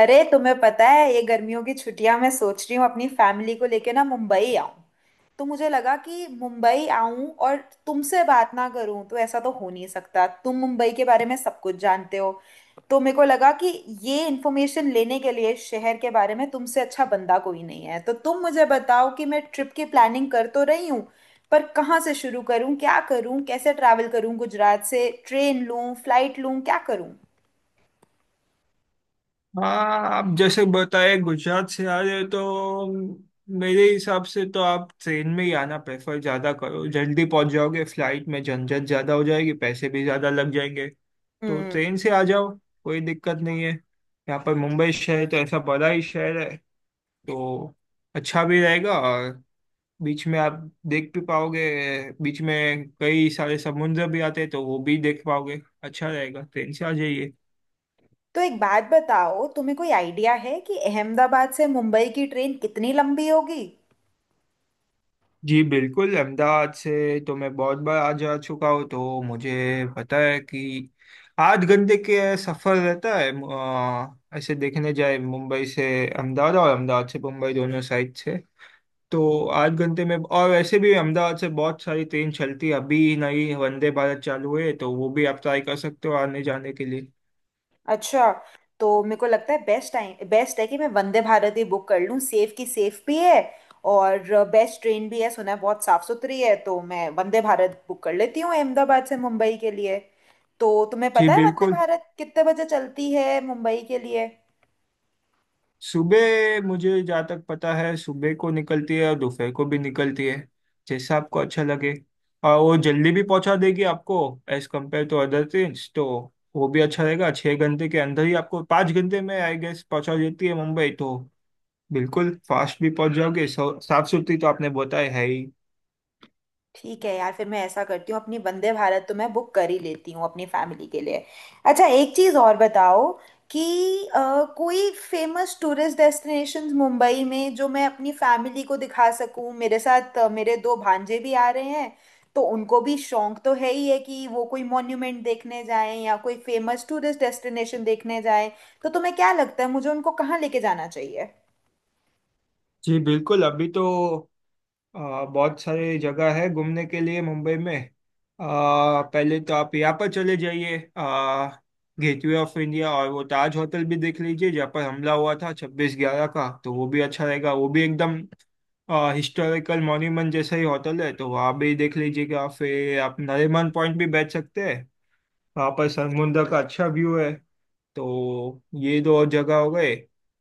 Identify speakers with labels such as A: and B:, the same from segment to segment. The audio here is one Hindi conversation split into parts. A: अरे तुम्हें पता है ये गर्मियों की छुट्टियां मैं सोच रही हूँ अपनी फैमिली को लेके ना मुंबई आऊं। तो मुझे लगा कि मुंबई आऊं और तुमसे बात ना करूं तो ऐसा तो हो नहीं सकता। तुम मुंबई के बारे में सब कुछ जानते हो, तो मेरे को लगा कि ये इन्फॉर्मेशन लेने के लिए शहर के बारे में तुमसे अच्छा बंदा कोई नहीं है। तो तुम मुझे बताओ कि मैं ट्रिप की प्लानिंग कर तो रही हूँ, पर कहाँ से शुरू करूँ, क्या करूँ, कैसे ट्रैवल करूँ, गुजरात से ट्रेन लूँ, फ्लाइट लूँ, क्या करूँ।
B: हाँ। आप जैसे बताए गुजरात से आ रहे हो तो मेरे हिसाब से तो आप ट्रेन में ही आना प्रेफर ज्यादा करो, जल्दी पहुंच जाओगे। फ्लाइट में झंझट ज्यादा हो जाएगी, पैसे भी ज्यादा लग जाएंगे, तो ट्रेन से आ जाओ। कोई दिक्कत नहीं है, यहाँ पर मुंबई शहर तो ऐसा बड़ा ही शहर है तो अच्छा भी रहेगा। और बीच में आप देख भी पाओगे, बीच में कई सारे समुद्र भी आते हैं तो वो भी देख पाओगे, अच्छा रहेगा, ट्रेन से आ जाइए।
A: तो एक बात बताओ, तुम्हें कोई आइडिया है कि अहमदाबाद से मुंबई की ट्रेन कितनी लंबी होगी।
B: जी बिल्कुल, अहमदाबाद से तो मैं बहुत बार आ जा चुका हूँ तो मुझे पता है कि आठ घंटे के सफ़र रहता है, ऐसे देखने जाए मुंबई से अहमदाबाद और अहमदाबाद से मुंबई दोनों साइड से। तो आठ घंटे में। और वैसे भी अहमदाबाद से बहुत सारी ट्रेन चलती है, अभी नई वंदे भारत चालू है तो वो भी आप ट्राई कर सकते हो आने जाने के लिए।
A: अच्छा, तो मेरे को लगता है बेस्ट टाइम बेस्ट है कि मैं वंदे भारत ही बुक कर लूँ। सेफ की सेफ भी है और बेस्ट ट्रेन भी है। सुना है बहुत साफ सुथरी है, तो मैं वंदे भारत बुक कर लेती हूँ अहमदाबाद से मुंबई के लिए। तो तुम्हें
B: जी
A: पता है वंदे
B: बिल्कुल।
A: भारत कितने बजे चलती है मुंबई के लिए।
B: सुबह, मुझे जहाँ तक पता है, सुबह को निकलती है और दोपहर को भी निकलती है, जैसा आपको अच्छा लगे। और वो जल्दी भी पहुंचा देगी आपको as compare to other train, तो वो भी अच्छा रहेगा। छः घंटे के अंदर ही आपको, पाँच घंटे में आई गेस पहुंचा देती है मुंबई, तो बिल्कुल फास्ट भी पहुंच जाओगे। साफ सुथरी तो आपने बताया है ही।
A: ठीक है यार, फिर मैं ऐसा करती हूँ, अपनी वंदे भारत तो मैं बुक कर ही लेती हूँ अपनी फैमिली के लिए। अच्छा, एक चीज़ और बताओ कि कोई फेमस टूरिस्ट डेस्टिनेशंस मुंबई में जो मैं अपनी फैमिली को दिखा सकूँ। मेरे साथ मेरे दो भांजे भी आ रहे हैं, तो उनको भी शौक तो है ही है कि वो कोई मॉन्यूमेंट देखने जाएं या कोई फेमस टूरिस्ट डेस्टिनेशन देखने जाएं। तो तुम्हें क्या लगता है मुझे उनको कहाँ लेके जाना चाहिए।
B: जी बिल्कुल। अभी तो बहुत सारी जगह है घूमने के लिए मुंबई में। पहले तो आप यहाँ पर चले जाइए, गेटवे ऑफ इंडिया और वो ताज होटल भी देख लीजिए जहाँ पर हमला हुआ था छब्बीस ग्यारह का, तो वो भी अच्छा रहेगा। वो भी एकदम हिस्टोरिकल मॉन्यूमेंट जैसा ही होटल है तो वहाँ भी देख लीजिएगा। फिर आप नरीमन पॉइंट भी बैठ सकते हैं, वहाँ पर समुद्र का अच्छा व्यू है। तो ये दो जगह हो गए।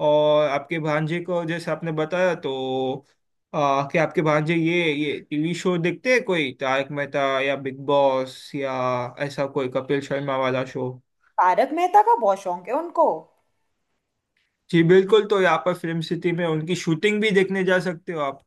B: और आपके भांजे को, जैसे आपने बताया, तो कि आपके भांजे ये टीवी शो देखते हैं कोई, तारक मेहता या बिग बॉस या ऐसा कोई कपिल शर्मा वाला शो।
A: तारक मेहता का बहुत शौक है उनको।
B: जी बिल्कुल, तो यहाँ पर फिल्म सिटी में उनकी शूटिंग भी देखने जा सकते हो आप।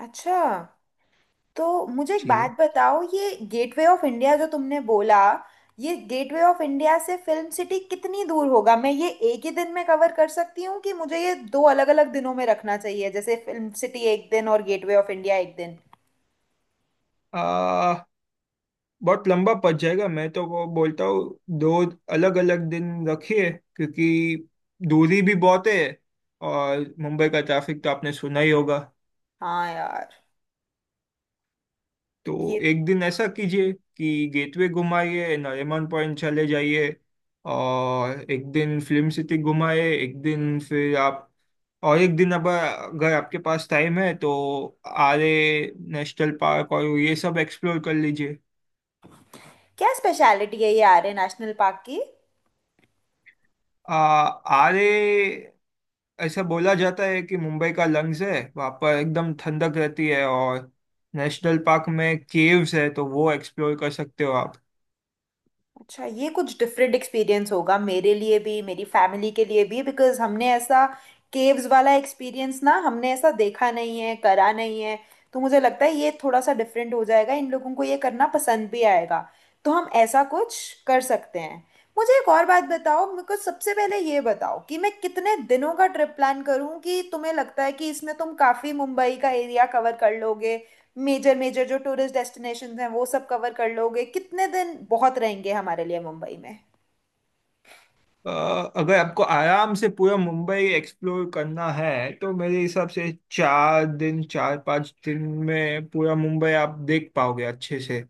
A: अच्छा, तो मुझे एक बात
B: जी।
A: बताओ, ये गेटवे ऑफ इंडिया जो तुमने बोला, ये गेटवे ऑफ इंडिया से फिल्म सिटी कितनी दूर होगा। मैं ये एक ही दिन में कवर कर सकती हूँ कि मुझे ये दो अलग अलग दिनों में रखना चाहिए, जैसे फिल्म सिटी एक दिन और गेटवे ऑफ इंडिया एक दिन।
B: आ, बहुत लंबा पड़ जाएगा, मैं तो वो बोलता हूँ दो अलग अलग दिन रखिए, क्योंकि दूरी भी बहुत है और मुंबई का ट्रैफिक तो आपने सुना ही होगा।
A: हाँ यार।
B: तो
A: ये
B: एक दिन ऐसा कीजिए कि गेटवे घुमाइए, नरीमन पॉइंट चले जाइए। और एक दिन फिल्म सिटी घुमाए एक दिन, फिर आप, और एक दिन, अब अगर आपके पास टाइम है तो आरे नेशनल पार्क और ये सब एक्सप्लोर कर लीजिए।
A: क्या स्पेशलिटी है ये आर्य नेशनल पार्क की।
B: आ, आरे, ऐसा बोला जाता है कि मुंबई का लंग्स है, वहाँ पर एकदम ठंडक रहती है। और नेशनल पार्क में केव्स है तो वो एक्सप्लोर कर सकते हो आप।
A: अच्छा, ये कुछ डिफरेंट एक्सपीरियंस होगा मेरे लिए भी, मेरी फैमिली के लिए भी, बिकॉज हमने ऐसा केव्स वाला एक्सपीरियंस ना, हमने ऐसा देखा नहीं है, करा नहीं है। तो मुझे लगता है ये थोड़ा सा डिफरेंट हो जाएगा, इन लोगों को ये करना पसंद भी आएगा। तो हम ऐसा कुछ कर सकते हैं। मुझे एक और बात बताओ, मेरे को सबसे पहले ये बताओ कि मैं कितने दिनों का ट्रिप प्लान करूं कि तुम्हें लगता है कि इसमें तुम काफ़ी मुंबई का एरिया कवर कर लोगे। मेजर मेजर जो टूरिस्ट डेस्टिनेशंस हैं वो सब कवर कर लोगे, कितने दिन बहुत रहेंगे हमारे लिए मुंबई में।
B: अ, अगर आपको आराम से पूरा मुंबई एक्सप्लोर करना है तो मेरे हिसाब से चार दिन, चार पांच दिन में पूरा मुंबई आप देख पाओगे अच्छे से,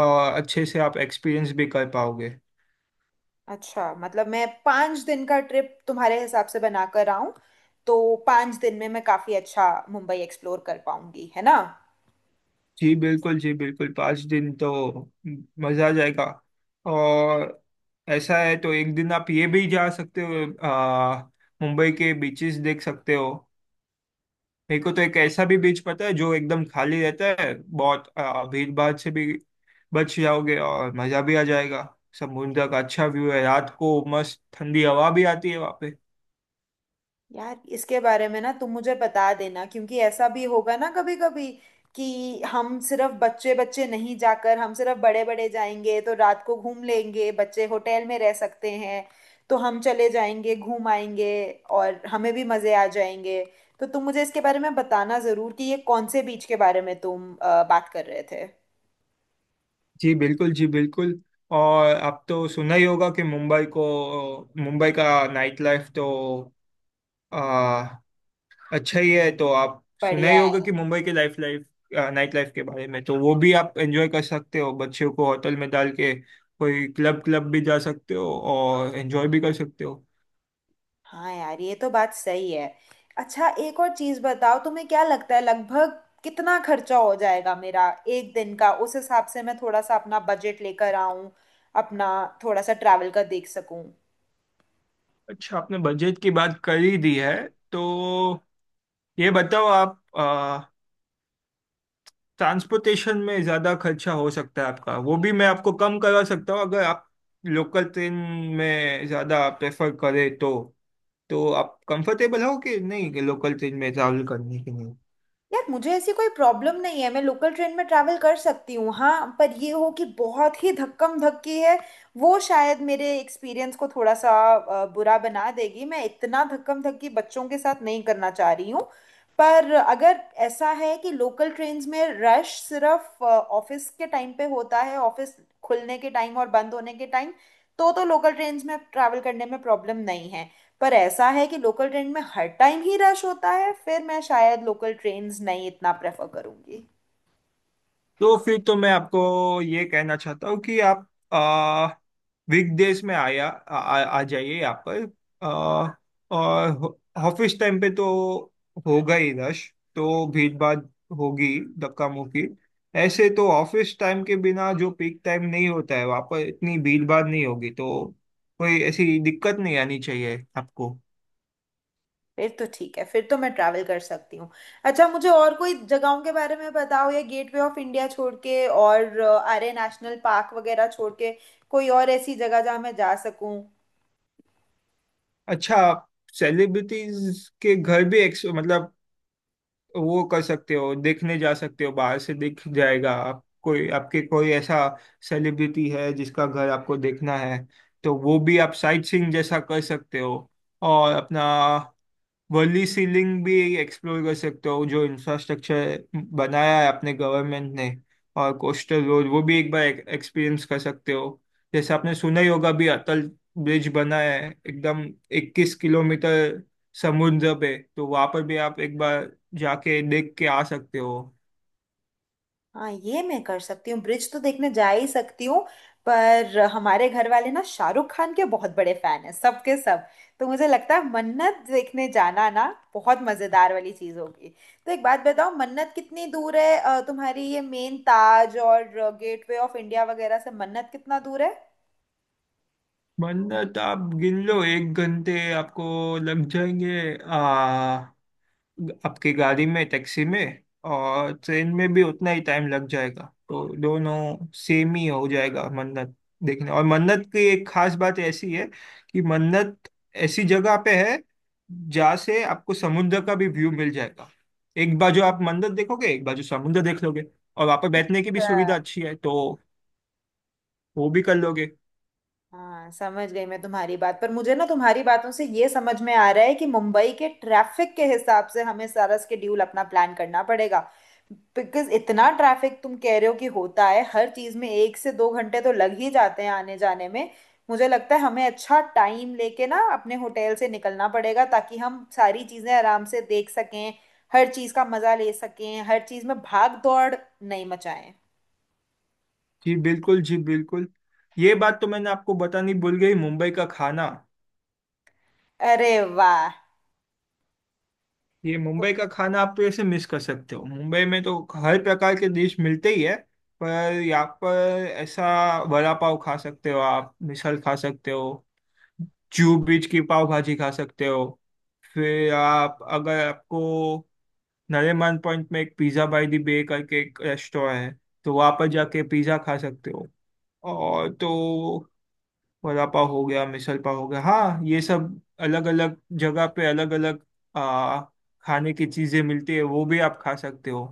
B: और अच्छे से आप एक्सपीरियंस भी कर पाओगे।
A: अच्छा, मतलब मैं पाँच दिन का ट्रिप तुम्हारे हिसाब से बनाकर आऊं, तो पाँच दिन में मैं काफी अच्छा मुंबई एक्सप्लोर कर पाऊंगी, है ना।
B: जी बिल्कुल, जी बिल्कुल। पाँच दिन तो मज़ा आ जाएगा। और ऐसा है तो एक दिन आप ये भी जा सकते हो, मुंबई के बीचेस देख सकते हो। मेरे को तो एक ऐसा भी बीच पता है जो एकदम खाली रहता है, बहुत भीड़ भाड़ से भी बच जाओगे और मजा भी आ जाएगा। समुद्र का अच्छा व्यू है, रात को मस्त ठंडी हवा भी आती है वहाँ पे।
A: यार, इसके बारे में ना तुम मुझे बता देना, क्योंकि ऐसा भी होगा ना कभी कभी कि हम सिर्फ बच्चे बच्चे नहीं जाकर, हम सिर्फ बड़े बड़े जाएंगे तो रात को घूम लेंगे, बच्चे होटल में रह सकते हैं, तो हम चले जाएंगे घूम आएंगे और हमें भी मजे आ जाएंगे। तो तुम मुझे इसके बारे में बताना जरूर कि ये कौन से बीच के बारे में तुम बात कर रहे थे।
B: जी बिल्कुल, जी बिल्कुल। और आप तो सुना ही होगा कि मुंबई को, मुंबई का नाइट लाइफ तो अच्छा ही है। तो आप सुना ही
A: बढ़िया
B: होगा
A: है।
B: कि मुंबई के लाइफ लाइफ नाइट लाइफ के बारे में। तो वो भी आप एंजॉय कर सकते हो बच्चों को होटल में डाल के। कोई क्लब क्लब भी जा सकते हो और एंजॉय भी कर सकते हो।
A: हाँ यार, ये तो बात सही है। अच्छा, एक और चीज बताओ, तुम्हें क्या लगता है लगभग कितना खर्चा हो जाएगा मेरा एक दिन का, उस हिसाब से मैं थोड़ा सा अपना बजट लेकर आऊं, अपना थोड़ा सा ट्रैवल का देख सकूं।
B: अच्छा, आपने बजट की बात कर ही दी है, तो ये बताओ आप, ट्रांसपोर्टेशन में ज़्यादा खर्चा हो सकता है आपका, वो भी मैं आपको कम करवा सकता हूँ अगर आप लोकल ट्रेन में ज़्यादा प्रेफर करें तो। तो आप कंफर्टेबल हो कि नहीं, कि लोकल ट्रेन में ट्रैवल करने के लिए?
A: यार, मुझे ऐसी कोई प्रॉब्लम नहीं है, मैं लोकल ट्रेन में ट्रैवल कर सकती हूँ। हाँ, पर ये हो कि बहुत ही धक्कम धक्की है, वो शायद मेरे एक्सपीरियंस को थोड़ा सा बुरा बना देगी। मैं इतना धक्कम धक्की बच्चों के साथ नहीं करना चाह रही हूँ। पर अगर ऐसा है कि लोकल ट्रेन्स में रश सिर्फ ऑफिस के टाइम पे होता है, ऑफिस खुलने के टाइम और बंद होने के टाइम, तो लोकल ट्रेन्स में ट्रैवल करने में प्रॉब्लम नहीं है। पर ऐसा है कि लोकल ट्रेन में हर टाइम ही रश होता है, फिर मैं शायद लोकल ट्रेन्स नहीं इतना प्रेफर करूंगी।
B: तो फिर तो मैं आपको ये कहना चाहता हूँ कि आप आ, वीकडेज में आया आ, आ आ जाइए यहाँ पर। आ, और ऑफिस टाइम पे तो होगा ही रश, तो भीड़ भाड़ होगी, धक्का मुक्की। ऐसे तो ऑफिस टाइम के बिना जो पीक टाइम नहीं होता है, वहाँ पर इतनी भीड़ भाड़ नहीं होगी, तो कोई ऐसी दिक्कत नहीं आनी चाहिए आपको।
A: फिर तो ठीक है, फिर तो मैं ट्रैवल कर सकती हूँ। अच्छा, मुझे और कोई जगहों के बारे में बताओ, या गेटवे ऑफ इंडिया छोड़ के और आर्य नेशनल पार्क वगैरह छोड़ के कोई और ऐसी जगह जहाँ मैं जा सकूँ।
B: अच्छा, सेलिब्रिटीज के घर भी मतलब, वो कर सकते हो, देखने जा सकते हो, बाहर से दिख जाएगा। आप, कोई आपके कोई ऐसा सेलिब्रिटी है जिसका घर आपको देखना है तो वो भी आप साइट सीइंग जैसा कर सकते हो। और अपना वर्ली सीलिंग भी एक्सप्लोर कर सकते हो, जो इंफ्रास्ट्रक्चर बनाया है अपने गवर्नमेंट ने। और कोस्टल रोड, वो भी एक बार एक्सपीरियंस कर सकते हो। जैसे आपने सुना ही होगा भी, अटल ब्रिज बना है, एकदम 21 किलोमीटर समुद्र पे, तो वहां पर भी आप एक बार जाके देख के आ सकते हो।
A: हाँ, ये मैं कर सकती हूँ, ब्रिज तो देखने जा ही सकती हूँ। पर हमारे घर वाले ना शाहरुख खान के बहुत बड़े फैन हैं, सबके सब के सब। तो मुझे लगता है मन्नत देखने जाना ना बहुत मजेदार वाली चीज होगी। तो एक बात बताओ, मन्नत कितनी दूर है, तुम्हारी ये मेन ताज और गेटवे ऑफ इंडिया वगैरह से मन्नत कितना दूर
B: मन्नत, आप गिन लो एक घंटे आपको लग जाएंगे आ आपकी गाड़ी में, टैक्सी में और ट्रेन में भी उतना ही टाइम लग जाएगा, तो दोनों सेम ही हो जाएगा। मन्नत देखने, और मन्नत की एक खास बात ऐसी है कि मन्नत ऐसी जगह पे है जहाँ से आपको समुद्र का भी व्यू मिल जाएगा। एक बाजू आप मन्नत देखोगे, एक बाजू समुद्र देख लोगे। और वहाँ पे बैठने की भी सुविधा
A: है।
B: अच्छी है तो वो भी कर लोगे।
A: हाँ, समझ गई मैं तुम्हारी बात। पर मुझे ना तुम्हारी बातों से ये समझ में आ रहा है कि मुंबई के ट्रैफिक के हिसाब से हमें सारा स्केड्यूल अपना प्लान करना पड़ेगा। बिकॉज इतना ट्रैफिक तुम कह रहे हो कि होता है, हर चीज में एक से दो घंटे तो लग ही जाते हैं आने जाने में। मुझे लगता है हमें अच्छा टाइम लेके ना अपने होटल से निकलना पड़ेगा ताकि हम सारी चीजें आराम से देख सकें, हर चीज का मजा ले सकें, हर चीज में भाग दौड़ नहीं मचाएं।
B: जी बिल्कुल, जी बिल्कुल। ये बात तो मैंने आपको बतानी भूल गई, मुंबई का खाना।
A: अरे वाह।
B: ये मुंबई का खाना आप तो ऐसे मिस कर सकते हो। मुंबई में तो हर प्रकार के डिश मिलते ही है, पर यहाँ पर ऐसा वड़ा पाव खा सकते हो आप, मिसल खा सकते हो, जू बीच की पाव भाजी खा सकते हो। फिर आप, अगर आपको नरेमन पॉइंट में, एक पिज़्ज़ा बाई दी बे करके एक रेस्टोरेंट है, तो वहाँ पर जाके पिज़्ज़ा खा सकते हो। और तो, वड़ा पाव हो गया, मिसल पाव हो गया, हाँ ये सब अलग अलग जगह पे अलग अलग आ खाने की चीजें मिलती है, वो भी आप खा सकते हो।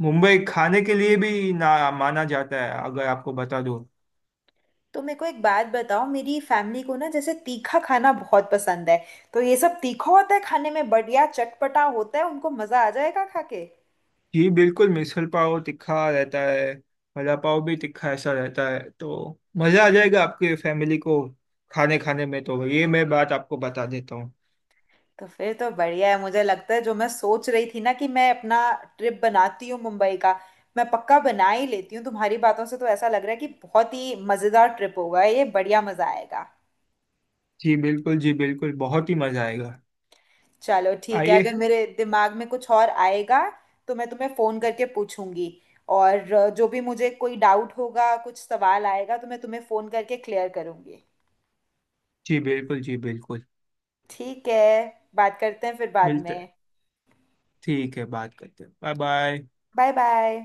B: मुंबई खाने के लिए भी ना माना जाता है, अगर आपको बता दूं।
A: तो मेरे को एक बात बताओ, मेरी फैमिली को ना जैसे तीखा खाना बहुत पसंद है, तो ये सब तीखा होता है खाने में, बढ़िया चटपटा होता है, उनको मजा आ जाएगा खा के।
B: जी बिल्कुल, मिसल पाव तिखा रहता है, वड़ा पाव भी तिखा ऐसा रहता है, तो मजा आ जाएगा आपके फैमिली को खाने खाने में, तो ये मैं बात आपको बता देता हूँ।
A: तो फिर तो बढ़िया है, मुझे लगता है जो मैं सोच रही थी ना कि मैं अपना ट्रिप बनाती हूँ मुंबई का, मैं पक्का बना ही लेती हूँ। तुम्हारी बातों से तो ऐसा लग रहा है कि बहुत ही मजेदार ट्रिप होगा ये, बढ़िया मजा आएगा।
B: जी बिल्कुल, जी बिल्कुल, बहुत ही मजा आएगा।
A: चलो ठीक है,
B: आइए।
A: अगर मेरे दिमाग में कुछ और आएगा तो मैं तुम्हें फोन करके पूछूंगी, और जो भी मुझे कोई डाउट होगा, कुछ सवाल आएगा तो मैं तुम्हें फोन करके क्लियर करूंगी।
B: जी बिल्कुल, जी बिल्कुल।
A: ठीक है, बात करते हैं फिर बाद
B: मिलते
A: में।
B: हैं। ठीक है, बात करते हैं। Bye bye.
A: Bye bye.